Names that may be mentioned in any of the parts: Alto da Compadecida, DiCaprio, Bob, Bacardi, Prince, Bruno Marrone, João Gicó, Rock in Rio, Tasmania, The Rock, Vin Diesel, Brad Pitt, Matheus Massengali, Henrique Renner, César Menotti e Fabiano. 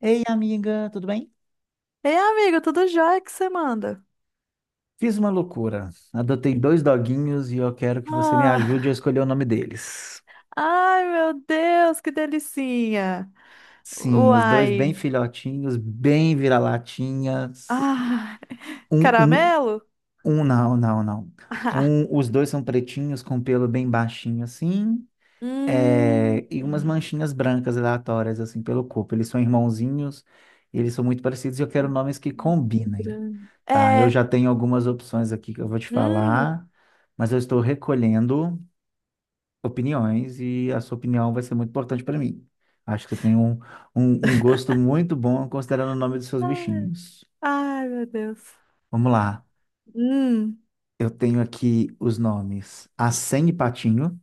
Ei, amiga, tudo bem? Ei, amigo, tudo jóia que você manda? Fiz uma loucura. Adotei dois doguinhos e eu quero que você me ajude a Ah, escolher o nome deles. ai, meu Deus, que delicinha! Sim, os dois Uai, bem filhotinhos, bem vira-latinhas. ah, Um, um, caramelo? Não, não, não. Ah, Os dois são pretinhos com pelo bem baixinho assim, hum, é, e umas manchinhas brancas aleatórias assim pelo corpo. Eles são irmãozinhos, eles são muito parecidos e eu quero nomes que combinem. Tá, eu é, já tenho algumas opções aqui que eu vou te hum, falar, mas eu estou recolhendo opiniões, e a sua opinião vai ser muito importante para mim. Acho que você tem um gosto muito bom considerando o nome dos seus ai, bichinhos. ai, meu Deus, Vamos lá. hum, Eu tenho aqui os nomes Acém e Patinho.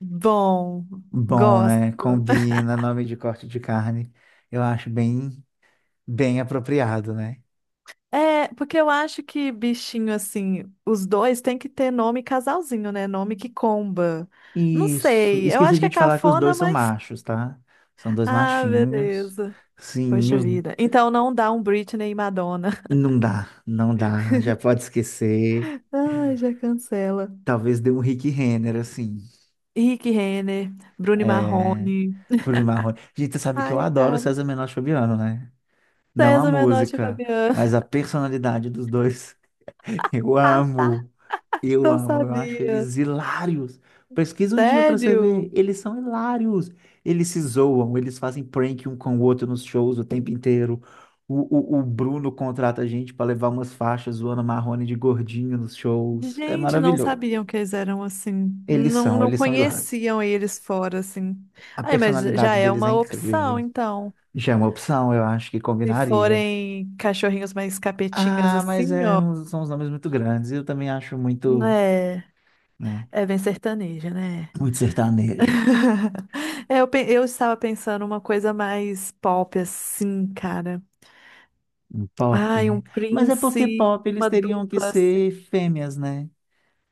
bom, Bom, né? gosto. Combina nome de corte de carne. Eu acho bem, bem apropriado, né? É, porque eu acho que bichinho assim, os dois tem que ter nome casalzinho, né? Nome que comba. Não Isso. sei, eu Esqueci acho que de é te falar que os cafona, dois são mas. machos, tá? São dois Ah, machinhos. beleza. Sim, Poxa os vida. Então não dá um Britney e Madonna. Não dá, não dá, já pode esquecer. Ai, já cancela. Talvez dê um Rick Renner, assim. Henrique Renner, Bruno É, Marrone. Bruno Marrone. Gente, você sabe que eu Ai, adoro o cara. César Menotti e Fabiano, né? Não a César Menotti e música, Fabiano. mas a personalidade dos dois. Eu Ah, tá. amo. Eu Eu amo, eu acho sabia. eles hilários. Pesquisa um dia pra você Sério? ver. Eles são hilários. Eles se zoam, eles fazem prank um com o outro nos shows o tempo inteiro. O Bruno contrata a gente pra levar umas faixas zoando Marrone de gordinho nos shows. É Gente, não maravilhoso. sabiam que eles eram assim. Não, não Eles são hilários. conheciam eles fora, assim. A Ai, mas já personalidade é deles é uma opção, incrível. então. Já é uma opção, eu acho que Se combinaria. forem cachorrinhos mais capetinhas Ah, mas assim, é, ó. são os nomes muito grandes. Eu também acho muito, É, né, é bem sertaneja, né? muito sertanejo. É, eu estava pensando uma coisa mais pop, assim, cara. Pop. Ai, um Mas é porque Prince, pop eles uma teriam que dupla, assim. ser fêmeas, né?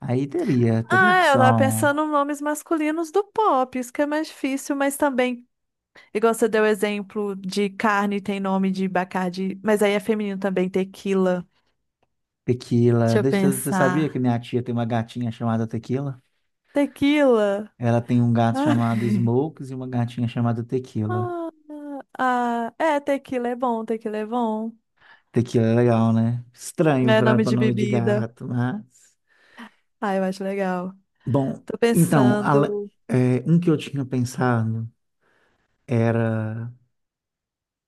Aí teria Ah, é, eu tava opção. pensando em nomes masculinos do pop, isso que é mais difícil, mas também. Igual você deu exemplo de carne tem nome de Bacardi, mas aí é feminino também, tequila. Deixa Tequila. eu Você sabia que pensar. minha tia tem uma gatinha chamada Tequila? Tequila? Ela tem um gato Ah, chamado Smokes e uma gatinha chamada Tequila. ah, ah, é, tequila é bom, tequila é bom. Tequila é legal, né? Estranho É para nome de nome de bebida. gato, mas. Ah, eu acho legal. Bom, Tô então, pensando. é, um que eu tinha pensado era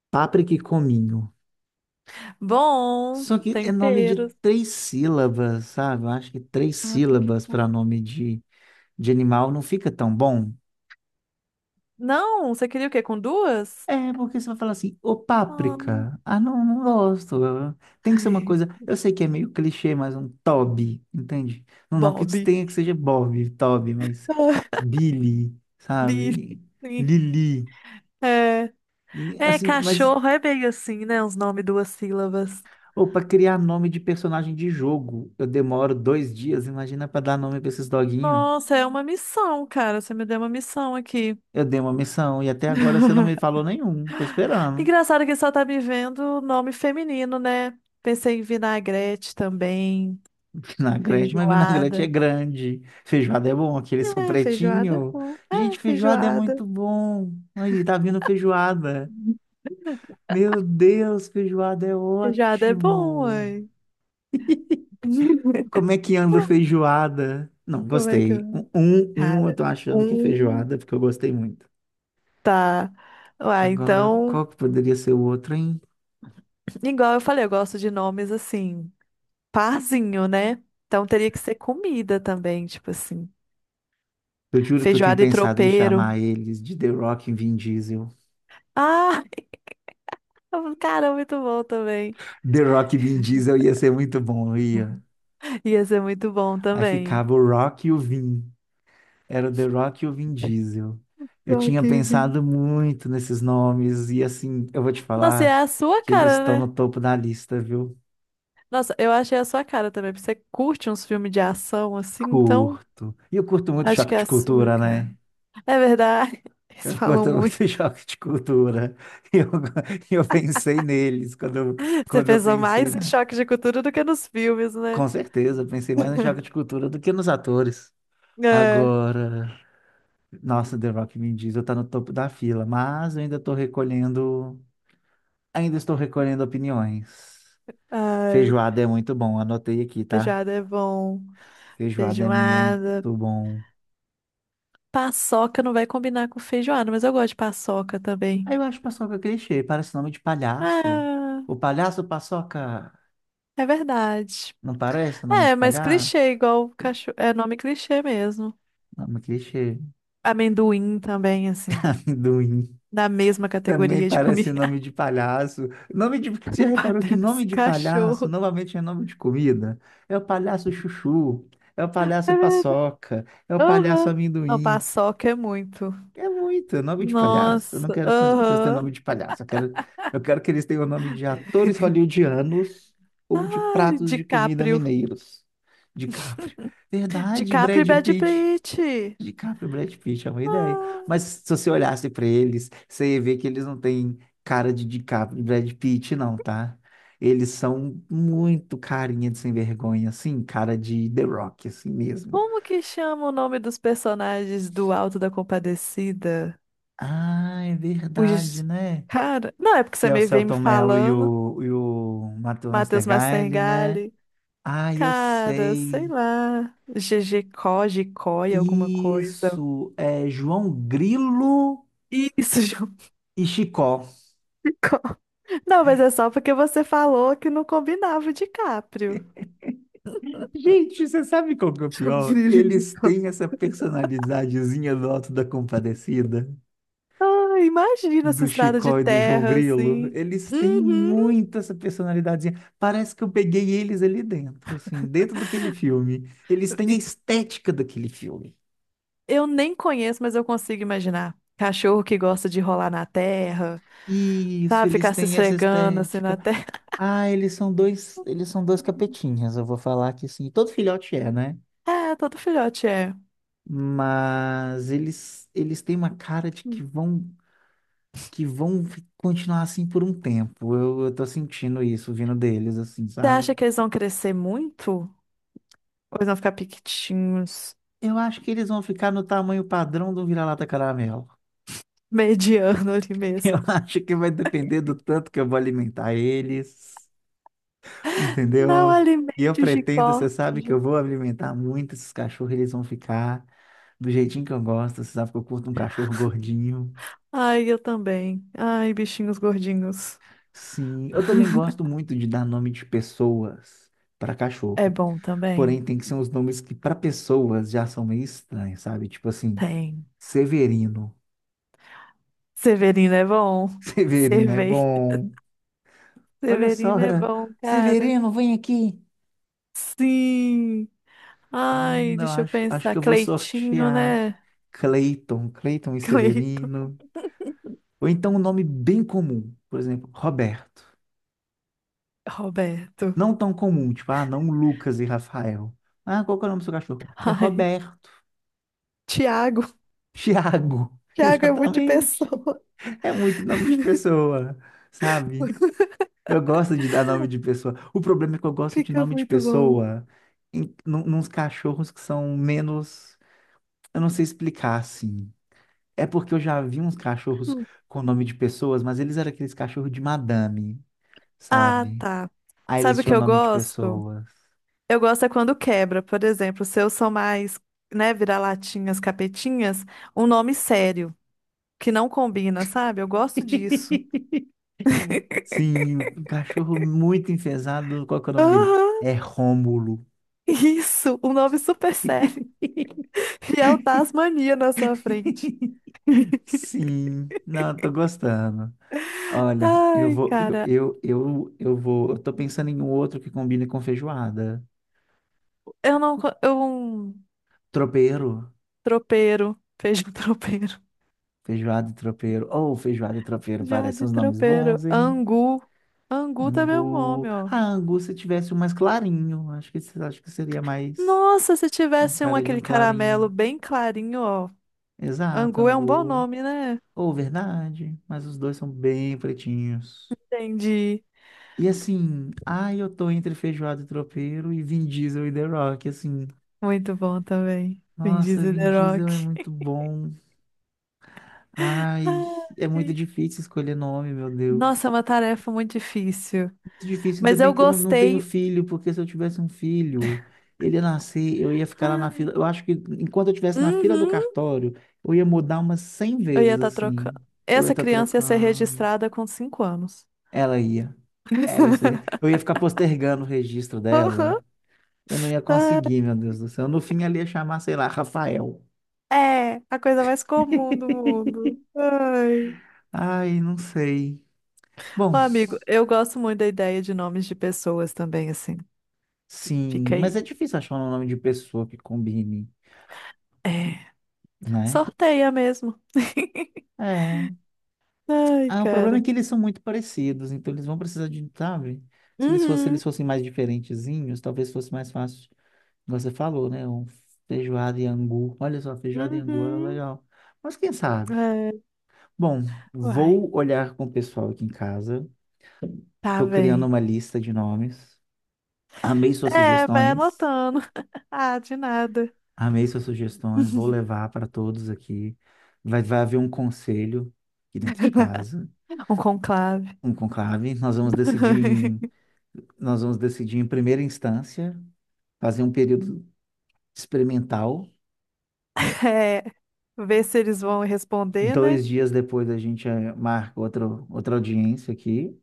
páprica e cominho. Bom, Só que é nome de temperos. três sílabas, sabe? Eu acho que três Ah, porque sílabas para com. nome de animal não fica tão bom. Não, você queria o quê? Com duas? É, porque você vai falar assim, ô Ah, páprica. Ah, não, não gosto. Tem que ser uma ai, coisa. Eu sei que é meio clichê, mas um Toby, entende? Não, não que Bob. tenha que seja Bob, Toby, mas Billy, Bife. sabe? Sim. Lili. É. E, É, assim, mas. cachorro é bem assim, né? Uns nomes duas sílabas. Ou para criar nome de personagem de jogo, eu demoro 2 dias. Imagina para dar nome para esses doguinhos. Nossa, é uma missão, cara. Você me deu uma missão aqui. Eu dei uma missão e até agora você não me falou nenhum. Tô esperando. Engraçado que só tá me vendo nome feminino, né? Pensei em vinagrete também, Vinagrete, mas vinagrete é feijoada. grande. Feijoada é bom, aqueles são É, feijoada é pretinho. bom. É, Gente, feijoada é feijoada. muito bom. Olha, tá vindo feijoada. Meu Deus, feijoada é Feijoada é bom, ótimo. uai. Como é que anda a feijoada? Não, Como é que gostei. Eu... Eu Cara, tô achando que é um feijoada, porque eu gostei muito. tá. Uai, Agora, então, qual que poderia ser o outro, hein? igual eu falei, eu gosto de nomes assim. Parzinho, né? Então teria que ser comida também, tipo assim. Eu juro que eu tinha Feijoada e pensado em tropeiro. chamar eles de The Rock e Vin Diesel. Ah, cara, muito bom também. The Rock e Vin Diesel ia ser muito bom, ia. Ia ser muito bom Aí também. ficava o Rock e o Vin. Era o The Rock e o Vin Diesel. Eu Rock tinha in Rio. pensado muito nesses nomes e, assim, eu vou te Nossa, e é falar a sua que eles cara, estão né? no topo da lista, viu? Nossa, eu achei a sua cara também, porque você curte uns filmes de ação assim, então Curto. E eu curto muito acho que choque é de a sua, cultura, cara. né? É verdade, eles Eu falam curto muito. muito choque de cultura. E eu, e eu pensei neles quando eu, Você quando eu pensou pensei mais em na... choque de cultura do que nos filmes, né? Com certeza, eu pensei mais no choque de cultura do que nos atores. É, Agora... Nossa, The Rock Vin Diesel tá no topo da fila, mas eu ainda estou recolhendo opiniões. ai, Feijoada é muito bom, anotei aqui, tá? feijoada é bom, Feijoada é feijoada. muito bom. Paçoca não vai combinar com feijoada, mas eu gosto de paçoca também. Aí eu acho paçoca clichê, parece nome de palhaço. Ah, O palhaço paçoca, é verdade. não parece nome É, de mas clichê, palhaço? igual cachorro. É nome clichê mesmo. Nome clichê. Amendoim também, assim. Amendoim. Da mesma Também categoria de parece comida. nome de palhaço. Nome de... Você já Não reparou que nome parece de palhaço cachorro. novamente é nome de comida? É o palhaço chuchu, é o palhaço É verdade. paçoca, é o palhaço Aham. Não, amendoim. paçoca é muito. É muito nome de palhaço. Eu não Nossa, quero que meus cachorros tenham nome aham. de palhaço. Eu quero que eles tenham o nome de atores hollywoodianos ou de Ai, pratos de comida DiCaprio. mineiros, de Capri. Verdade, DiCaprio e Brad Brad Pitt. Pitt. DiCaprio e Brad Pitt é uma ideia. Ah. Mas se você olhasse para eles, você ia ver que eles não têm cara de DiCaprio e Brad Pitt, não, tá? Eles são muito carinha de sem vergonha, assim, cara de The Rock, assim mesmo. Como que chama o nome dos personagens do Alto da Compadecida? Ah, é verdade, Os... né? Cara, não é porque Que você é o me vem me Selton Mello e falando. o Matheus Matheus Nastergaile, né? Massengali. Ah, eu Cara, sei sei. lá. GG Có, Gicóia, alguma coisa. Isso, é João Grilo Isso, João e Chicó. Gicó. Não, mas é só porque você falou que não combinava o DiCaprio. Gente, você sabe qual que é o pior? Eles têm essa personalidadezinha do Auto da Compadecida, Ah, imagina essa do estrada de Chicó e do João terra, Grilo. assim. Eles têm Uhum. muito essa personalidadezinha. Parece que eu peguei eles ali dentro, assim, dentro daquele filme. Eles têm a E estética daquele filme. eu nem conheço, mas eu consigo imaginar. Cachorro que gosta de rolar na terra, Isso, sabe? eles Ficar se têm essa esfregando assim estética. na terra. Ah, eles são dois capetinhas, eu vou falar que sim. Todo filhote é, né? É, todo filhote é. Mas eles têm uma cara de que vão continuar assim por um tempo. Eu tô sentindo isso vindo deles, assim, Você acha sabe? que eles vão crescer muito? Ou eles vão ficar pequitinhos, Eu acho que eles vão ficar no tamanho padrão do vira-lata caramelo. mediano ali Eu mesmo? acho que vai depender do tanto que eu vou alimentar eles, entendeu? Não E eu alimente G. pretendo, você sabe que eu vou alimentar muito esses cachorros, eles vão ficar do jeitinho que eu gosto. Você sabe que eu curto um cachorro gordinho. Ai, eu também. Ai, bichinhos gordinhos. Sim, eu também gosto muito de dar nome de pessoas para É cachorro. bom também? Porém, tem que ser uns nomes que, para pessoas, já são meio estranhos, sabe? Tipo assim, Tem. Severino. Severino é bom. Severino é Cervei. bom. Olha só, Severino é bom, cara. Severino, vem aqui. Sim. Ai, Não, deixa eu acho, acho pensar. que eu vou Cleitinho, sortear né? Cleiton e Cleito. Severino. Ou então um nome bem comum, por exemplo, Roberto. Roberto. Não tão comum, tipo, ah, não, Lucas e Rafael. Ah, qual que é o nome do seu cachorro? É Ai, Roberto. Tiago. Tiago. Tiago é muito de Exatamente. pessoa. É muito nome de pessoa, sabe? Eu gosto de dar nome de pessoa. O problema é que eu gosto de Fica nome de muito bom. pessoa em, nos cachorros que são menos. Eu não sei explicar assim. É porque eu já vi uns cachorros Hum. com nome de pessoas, mas eles eram aqueles cachorros de madame, Ah, sabe? tá. Aí eles Sabe o tinham que eu nome de gosto? pessoas. Eu gosto é quando quebra. Por exemplo, se eu sou mais, né, vira-latinhas, capetinhas, um nome sério, que não combina, sabe? Eu gosto disso. Sim, um cachorro muito enfesado. Qual que é o nome dele? Aham, É Rômulo. isso, um nome super sério. E é o Tasmania na sua frente. Sim, não, eu tô gostando. Olha, eu Ai, vou, cara, eu vou, eu tô pensando em um outro que combine com feijoada. eu não. co- Eu, Tropeiro, tropeiro, feijão tropeiro, Feijoada e tropeiro. Ou feijoada e tropeiro, já parecem de uns nomes tropeiro, bons, hein? angu. Angu também é um nome, Angu. ó. Ah, angu, se tivesse um mais clarinho, acho que seria mais Nossa, se a tivesse um cara de um aquele caramelo clarinho. bem clarinho, ó. Exato, Angu é um bom angu. nome, né? Ou verdade, mas os dois são bem pretinhos. Entendi. E assim, ai, eu tô entre feijoada e tropeiro e Vin Diesel e The Rock, assim. Muito bom também. Vin Nossa, Diesel Vin The Diesel é Rock. muito bom. Ai, é muito Ai. difícil escolher nome, meu Nossa, é Deus. uma tarefa muito difícil. Muito difícil, ainda Mas bem eu que eu não tenho gostei. filho, porque se eu tivesse um filho, ele ia nascer, eu ia ficar lá na fila. Ai. Eu acho que enquanto eu estivesse na fila do Uhum. cartório, eu ia mudar umas 100 Eu ia vezes, estar assim. trocando. Eu ia Essa estar criança ia ser trocando. registrada com 5 anos. Ela ia. Ela, eu ia ficar postergando o registro Aham. dela. Eu não ia Ah, conseguir, meu Deus do céu. No fim, ela ia chamar, sei lá, Rafael. é, a coisa mais comum do mundo. Ai. Ai, não sei. Bom, Ó, amigo, eu gosto muito da ideia de nomes de pessoas também, assim. sim, Fica mas aí. é difícil achar um nome de pessoa que combine, É, né? sorteia mesmo. É. Ai, Ah, o problema é cara. que eles são muito parecidos, então eles vão precisar de, sabe? Se Uhum, eles fossem mais diferentezinhos, talvez fosse mais fácil. Como você falou, né? Um feijoada e angu. Olha só, feijoada e angu era uhum. legal. Mas quem sabe? É, Bom, uai, vou olhar com o pessoal aqui em casa. tá Estou criando bem. uma lista de nomes. Amei suas É, vai sugestões. anotando. Ah, de nada. Amei suas sugestões. Vou levar para todos aqui. Vai haver um conselho aqui dentro de casa, Um conclave. um conclave. Nós vamos decidir em primeira instância, fazer um período experimental. É, ver se eles vão responder, né? 2 dias depois a gente marca outra audiência aqui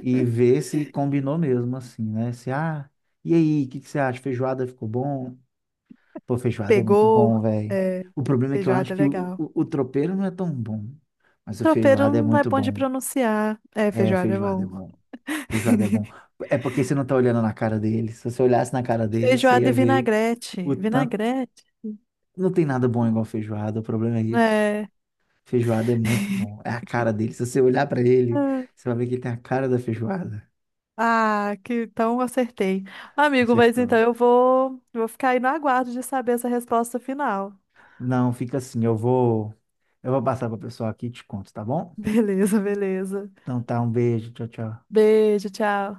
e ver se combinou mesmo, assim, né? Se, ah, E aí, o que que você acha? Feijoada ficou bom? Pô, feijoada é muito Pegou, bom, velho. é, O problema é que eu feijoada acho é que o, legal. o, o tropeiro não é tão bom, mas o Tropeiro feijoada é não é muito bom de bom. pronunciar. É, É, feijoada é feijoada é bom. bom. Feijoada é bom. É porque você não tá olhando na cara deles. Se você olhasse na cara deles, você Feijoada ia e ver o vinagrete. tanto... Vinagrete? Não tem nada bom igual feijoada, o problema é isso. É. Feijoada é muito bom. É a cara dele. Se você olhar pra ele, você vai ver que ele tem a cara da feijoada. Ah, que então eu acertei. Amigo, mas então Acertou. eu vou, vou ficar aí no aguardo de saber essa resposta final. Não, fica assim, eu vou passar pra pessoal aqui e te conto, tá bom? Beleza, beleza. Então tá, um beijo, tchau, tchau. Beijo, tchau.